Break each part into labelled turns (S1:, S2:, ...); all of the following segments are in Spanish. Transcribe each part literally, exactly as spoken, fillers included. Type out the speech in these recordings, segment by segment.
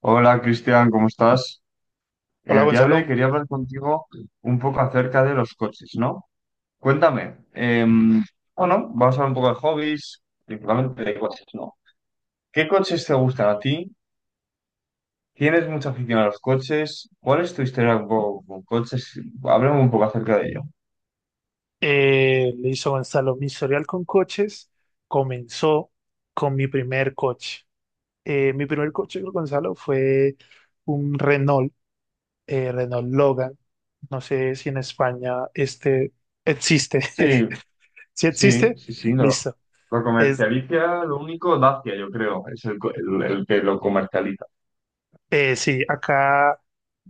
S1: Hola Cristian, ¿cómo estás?
S2: Hola,
S1: el día de hoy
S2: Gonzalo.
S1: quería hablar contigo un poco acerca de los coches, ¿no? Cuéntame, em, bueno, vamos a hablar un poco de hobbies, principalmente de coches, ¿no? ¿Qué coches te gustan a ti? ¿Tienes mucha afición a los coches? ¿Cuál es tu historia un poco con coches? Háblame un poco acerca de ello.
S2: Eh, le hizo Gonzalo mi historial con coches, comenzó con mi primer coche. Eh, mi primer coche, Gonzalo, fue un Renault, eh, Renault Logan. No sé si en España este existe.
S1: Sí,
S2: Si
S1: sí,
S2: existe,
S1: sí, sí, lo,
S2: listo.
S1: lo
S2: Es
S1: comercializa, lo único, Dacia, yo creo, es el, co- el- el que lo comercializa.
S2: Eh, sí, acá,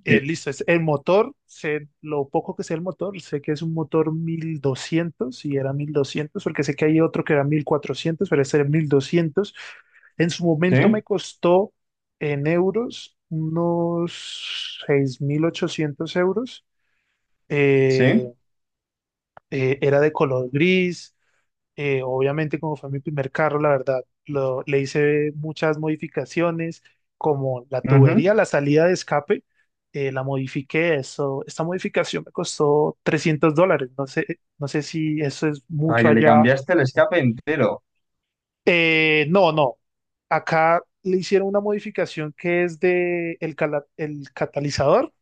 S2: eh,
S1: Sí,
S2: listo, es el motor, sé lo poco que sé el motor, sé que es un motor mil doscientos, y era mil doscientos, porque sé que hay otro que era mil cuatrocientos, pero este era mil doscientos. En su momento me
S1: sí,
S2: costó en euros unos seis mil ochocientos euros. Eh,
S1: sí.
S2: eh, Era de color gris, eh, obviamente, como fue mi primer carro, la verdad, lo- le hice muchas modificaciones, como la
S1: Ujú.
S2: tubería, la salida de escape, eh, la modifiqué. Eso, esta modificación me costó trescientos dólares. No sé, no sé si eso es
S1: O sea,
S2: mucho
S1: que le
S2: allá.
S1: cambiaste el escape entero.
S2: Eh, no, no. Acá le hicieron una modificación que es de el, cala- el catalizador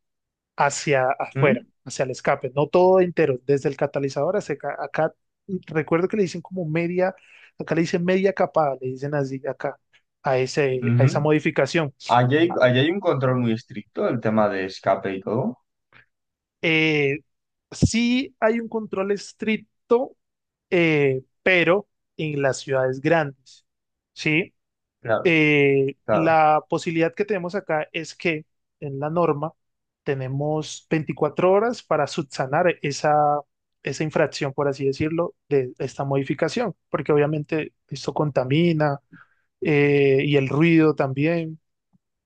S2: hacia afuera,
S1: Mm,
S2: hacia el escape, no todo entero, desde el catalizador hacia acá. Acá, recuerdo que le dicen como media, acá le dicen media capa, le dicen así acá, a ese, a
S1: ujú.
S2: esa modificación.
S1: Allí hay,
S2: Ah.
S1: allí hay un control muy estricto del tema de escape y todo.
S2: Eh, sí, hay un control estricto, eh, pero en las ciudades grandes, ¿sí?
S1: Claro,
S2: Eh,
S1: claro.
S2: la posibilidad que tenemos acá es que en la norma tenemos veinticuatro horas para subsanar esa, esa infracción, por así decirlo, de esta modificación, porque obviamente esto contamina, eh, y el ruido también,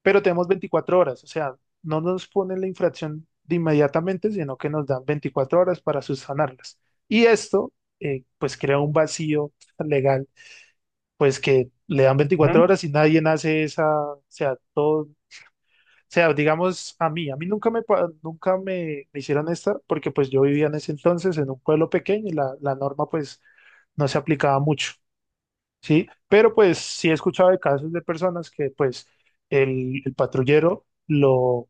S2: pero tenemos veinticuatro horas, o sea, no nos ponen la infracción de inmediatamente, sino que nos dan veinticuatro horas para subsanarlas. Y esto, eh, pues, crea un vacío legal, pues que le dan veinticuatro
S1: Ujú,
S2: horas y nadie hace esa, o sea, todo, o sea, digamos a mí, a mí nunca me, pa- nunca me, me hicieron esta, porque pues yo vivía en ese entonces en un pueblo pequeño y la, la norma, pues, no se aplicaba mucho, ¿sí? Pero pues sí he escuchado de casos de personas que pues el, el patrullero lo,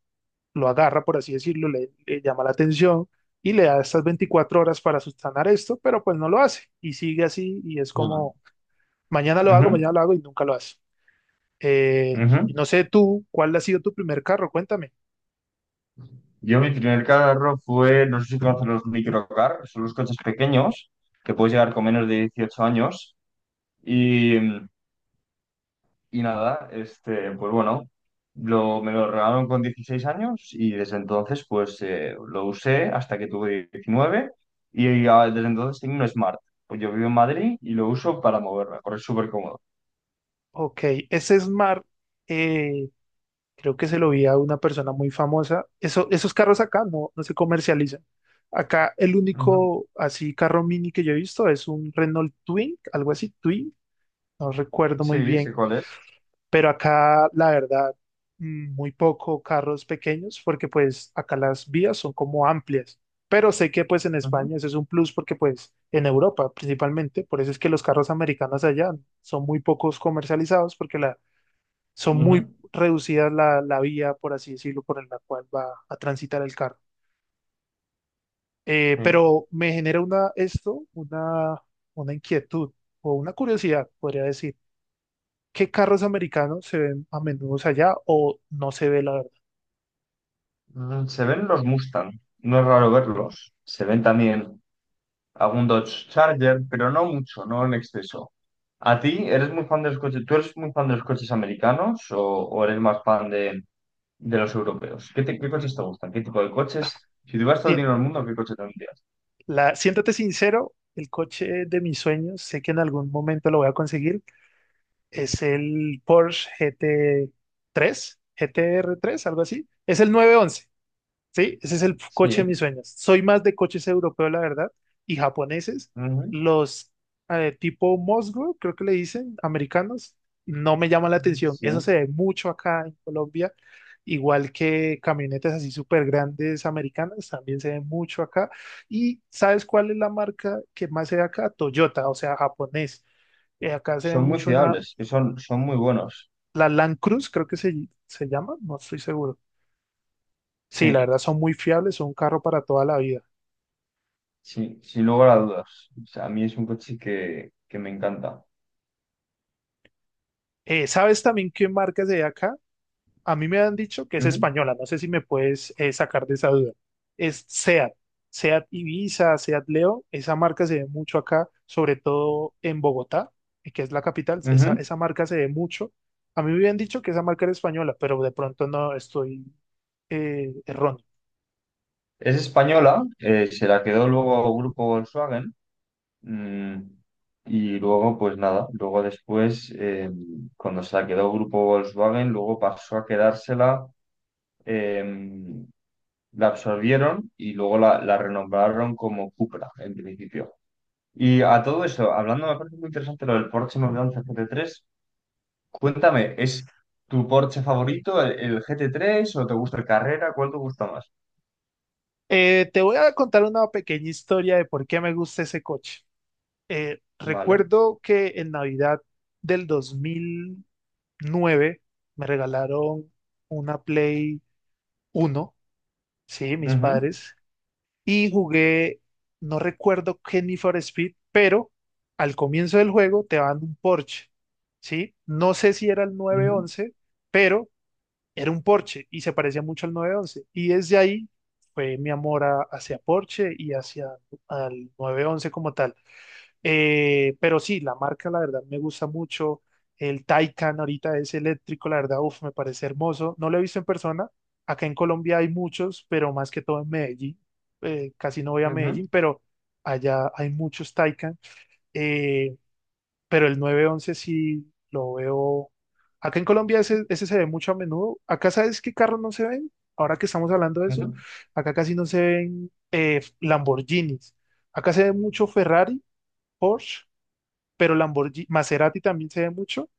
S2: lo agarra, por así decirlo, le, le llama la atención. Y le da estas veinticuatro horas para subsanar esto, pero pues no lo hace. Y sigue así y es como, mañana lo hago, mañana
S1: ujú,
S2: lo hago, y nunca lo hace. Eh, y
S1: ujú.
S2: no sé tú, ¿cuál ha sido tu primer carro? Cuéntame.
S1: Yo mi primer carro fue, no sé si conoces los microcar, son los coches pequeños que puedes llegar con menos de dieciocho años y mm, Y nada, este, pues bueno, lo, me lo regalaron con dieciséis años y desde entonces pues eh, lo usé hasta que tuve diecinueve y ah, desde entonces tengo un Smart. Pues yo vivo en Madrid y lo uso para moverme, porque es súper cómodo.
S2: Ok, ese Smart, eh, creo que se lo vi a una persona muy famosa. Eso, esos carros acá no, no se comercializan. Acá el
S1: Ujú.
S2: único así carro mini que yo he visto es un Renault Twin, algo así, Twin, no recuerdo muy
S1: Sí, sé
S2: bien.
S1: cuál es.
S2: Pero acá la verdad, mm, muy poco carros pequeños, porque pues acá las vías son como amplias, pero sé que pues en
S1: Ujú.
S2: España eso es un plus, porque pues en Europa principalmente, por eso es que los carros americanos allá son muy pocos comercializados, porque la, son
S1: Ujú.
S2: muy reducidas la, la vía, por así decirlo, por la cual va a transitar el carro. Eh,
S1: Sí.
S2: pero me genera una, esto, una, una inquietud o una curiosidad, podría decir. ¿Qué carros americanos se ven a menudo allá, o no se ve, la verdad?
S1: Mm, Se ven los Mustang, no es raro verlos. Se ven también algún Dodge Charger, pero no mucho, no en exceso. ¿A ti eres muy fan de los coches? ¿Tú eres muy fan de los coches americanos o, o eres más fan de, de los europeos? ¿Qué, te- qué
S2: Mm,
S1: coches te gustan? ¿Qué tipo de coches? Si tuvieras todo el
S2: si-
S1: dinero del mundo, ¿qué coche tendrías?
S2: la- Siéntate sincero, el coche de mis sueños, sé que en algún momento lo voy a conseguir, es el Porsche G T tres, G T R tres, algo así. Es el nueve once. Sí, ese es el coche de mis
S1: Sí,
S2: sueños. Soy más de coches europeos, la verdad, y japoneses.
S1: ujú,
S2: Los eh, tipo Mosgo, creo que le dicen, americanos, no me llaman la atención.
S1: sí.
S2: Eso se ve mucho acá en Colombia, igual que camionetas así súper grandes americanas, también se ve mucho acá. ¿Y sabes cuál es la marca que más se ve acá? Toyota, o sea, japonés. Eh, acá se ve
S1: Son muy
S2: mucho una,
S1: fiables, que son, son muy buenos.
S2: la Land Cruise, creo que se, se llama, no estoy seguro. Sí, la
S1: Sí,
S2: verdad, son muy fiables, son un carro para toda la vida.
S1: sí, sin lugar a dudas. O sea, a mí es un coche que, que me encanta.
S2: Eh, ¿sabes también qué marca es de acá? A mí me han dicho que es
S1: Ujú,
S2: española, no sé si me puedes, eh, sacar de esa duda. Es SEAT, SEAT Ibiza, SEAT Leo, esa marca se ve mucho acá, sobre todo en Bogotá, eh, que es la capital. esa,
S1: ujú.
S2: esa marca se ve mucho. A mí me habían dicho que esa marca era española, pero de pronto no estoy, eh, erróneo.
S1: Es española, eh, se la quedó luego el grupo Volkswagen. Mm, y luego, pues nada, luego después, eh, cuando se la quedó Grupo Volkswagen, luego pasó a quedársela, eh, la absorbieron y luego la, la renombraron como Cupra, en principio. Y a todo eso, hablando, me parece muy interesante lo del Porsche nueve once G T tres. Cuéntame, ¿es tu Porsche favorito el, el G T tres o te gusta el Carrera? ¿Cuál te gusta más?
S2: Eh, te voy a contar una pequeña historia de por qué me gusta ese coche. Eh,
S1: Vale.
S2: recuerdo que en Navidad del nueve me regalaron una Play uno, sí, mis
S1: Ujú,
S2: padres, y jugué, no recuerdo qué Need for Speed, pero al comienzo del juego te dan un Porsche, sí, no sé si era el nueve
S1: ujú,
S2: once pero era un Porsche y se parecía mucho al nueve once, y desde ahí fue mi amor a- hacia Porsche y hacia al nueve once como tal. Eh, pero sí, la marca, la verdad, me gusta mucho. El Taycan ahorita es eléctrico, la verdad, uf, me parece hermoso. No lo he visto en persona. Acá en Colombia hay muchos, pero más que todo en Medellín. Eh, casi no voy a Medellín,
S1: ujú,
S2: pero allá hay muchos Taycan. Eh, pero el nueve once sí lo veo. Acá en Colombia ese, ese se ve mucho a menudo. Acá, ¿sabes qué carros no se ven? Ahora que estamos hablando de eso,
S1: ujú.
S2: acá casi no se ven, eh, Lamborghinis. Acá se ve mucho Ferrari, Porsche, pero Lamborghini, Maserati también se ve mucho,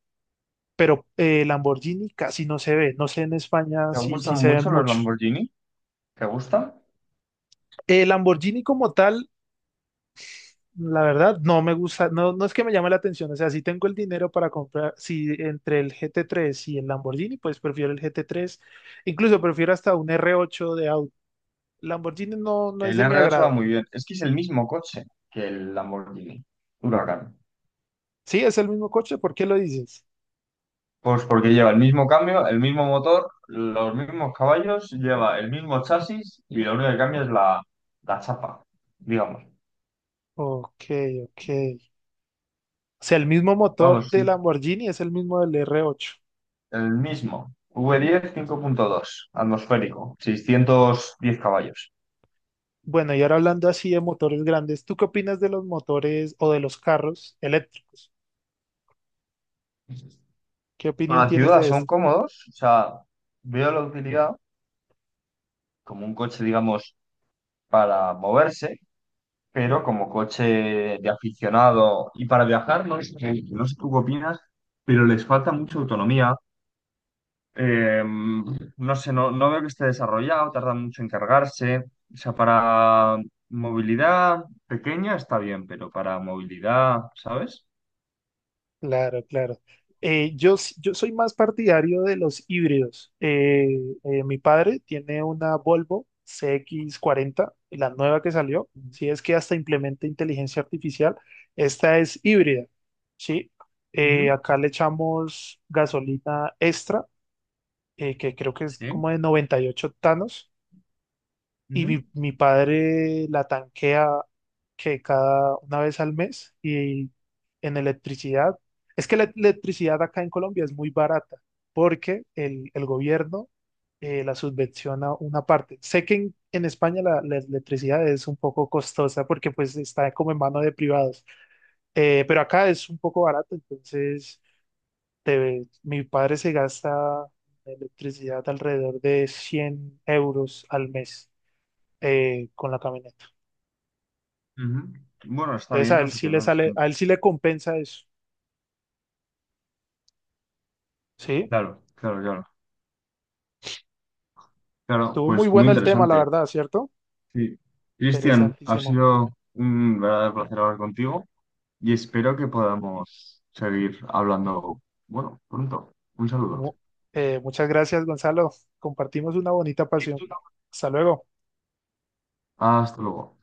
S2: pero eh, Lamborghini casi no se ve. No sé en España
S1: ¿Te
S2: si, si
S1: gustan
S2: se ven
S1: mucho los
S2: muchos.
S1: Lamborghini? ¿Te gustan?
S2: Eh, Lamborghini como tal, la verdad, no me gusta, no, no es que me llame la atención. O sea, si tengo el dinero para comprar, si entre el G T tres y el Lamborghini, pues prefiero el G T tres. Incluso prefiero hasta un R ocho de auto. Lamborghini no, no es
S1: El
S2: de mi
S1: r ocho va
S2: agrado.
S1: muy bien. Es que es el mismo coche que el Lamborghini Huracán.
S2: Sí, es el mismo coche, ¿por qué lo dices?
S1: Pues porque lleva el mismo cambio, el mismo motor, los mismos caballos, lleva el mismo chasis y lo único que cambia es la, la chapa, digamos.
S2: Ok, ok. O sea, el mismo motor
S1: Vamos,
S2: de Lamborghini es el mismo del R ocho.
S1: el mismo. V diez cinco punto dos atmosférico, seiscientos diez caballos.
S2: Bueno, y ahora hablando así de motores grandes, ¿tú qué opinas de los motores o de los carros eléctricos? ¿Qué opinión
S1: Para la
S2: tienes
S1: ciudad
S2: de
S1: son
S2: esto?
S1: cómodos, o sea, veo la utilidad como un coche, digamos, para moverse, pero como coche de aficionado y para viajar, no sé, no sé tú qué opinas, pero les falta mucha autonomía. Eh, no sé, no, no veo que esté desarrollado, tarda mucho en cargarse. O sea, para movilidad pequeña está bien, pero para movilidad, ¿sabes?
S2: Claro, claro. Eh, yo, s- yo soy más partidario de los híbridos. Eh, eh, mi padre tiene una Volvo C X cuarenta, la nueva que salió, si es que hasta implementa inteligencia artificial. Esta es híbrida, ¿sí? Eh,
S1: Ujú,
S2: acá le echamos gasolina extra, eh, que creo que es
S1: sí.
S2: como de noventa y ocho octanos, y
S1: Ujú,
S2: mi, mi padre la tanquea, que cada una vez al mes, y en electricidad. Es que la electricidad acá en Colombia es muy barata, porque el, el gobierno, eh, la subvenciona una parte. Sé que en, en España la, la electricidad es un poco costosa, porque pues está como en mano de privados. Eh, pero acá es un poco barato, entonces te- mi padre se gasta en electricidad alrededor de cien euros al mes, eh, con la camioneta.
S1: ujú. Bueno, está
S2: Entonces
S1: bien,
S2: a
S1: no
S2: él
S1: sé
S2: sí
S1: qué
S2: le
S1: más.
S2: sale, a él sí le compensa eso. Sí,
S1: Claro, claro, claro. Claro,
S2: estuvo muy
S1: pues muy
S2: bueno el tema, la
S1: interesante.
S2: verdad, ¿cierto?
S1: Sí. Cristian, ha
S2: Interesantísimo.
S1: sido un verdadero placer hablar contigo y espero que podamos seguir hablando, bueno, pronto. Un saludo.
S2: Mu- eh, muchas gracias, Gonzalo. Compartimos una bonita pasión. Hasta luego.
S1: Hasta luego.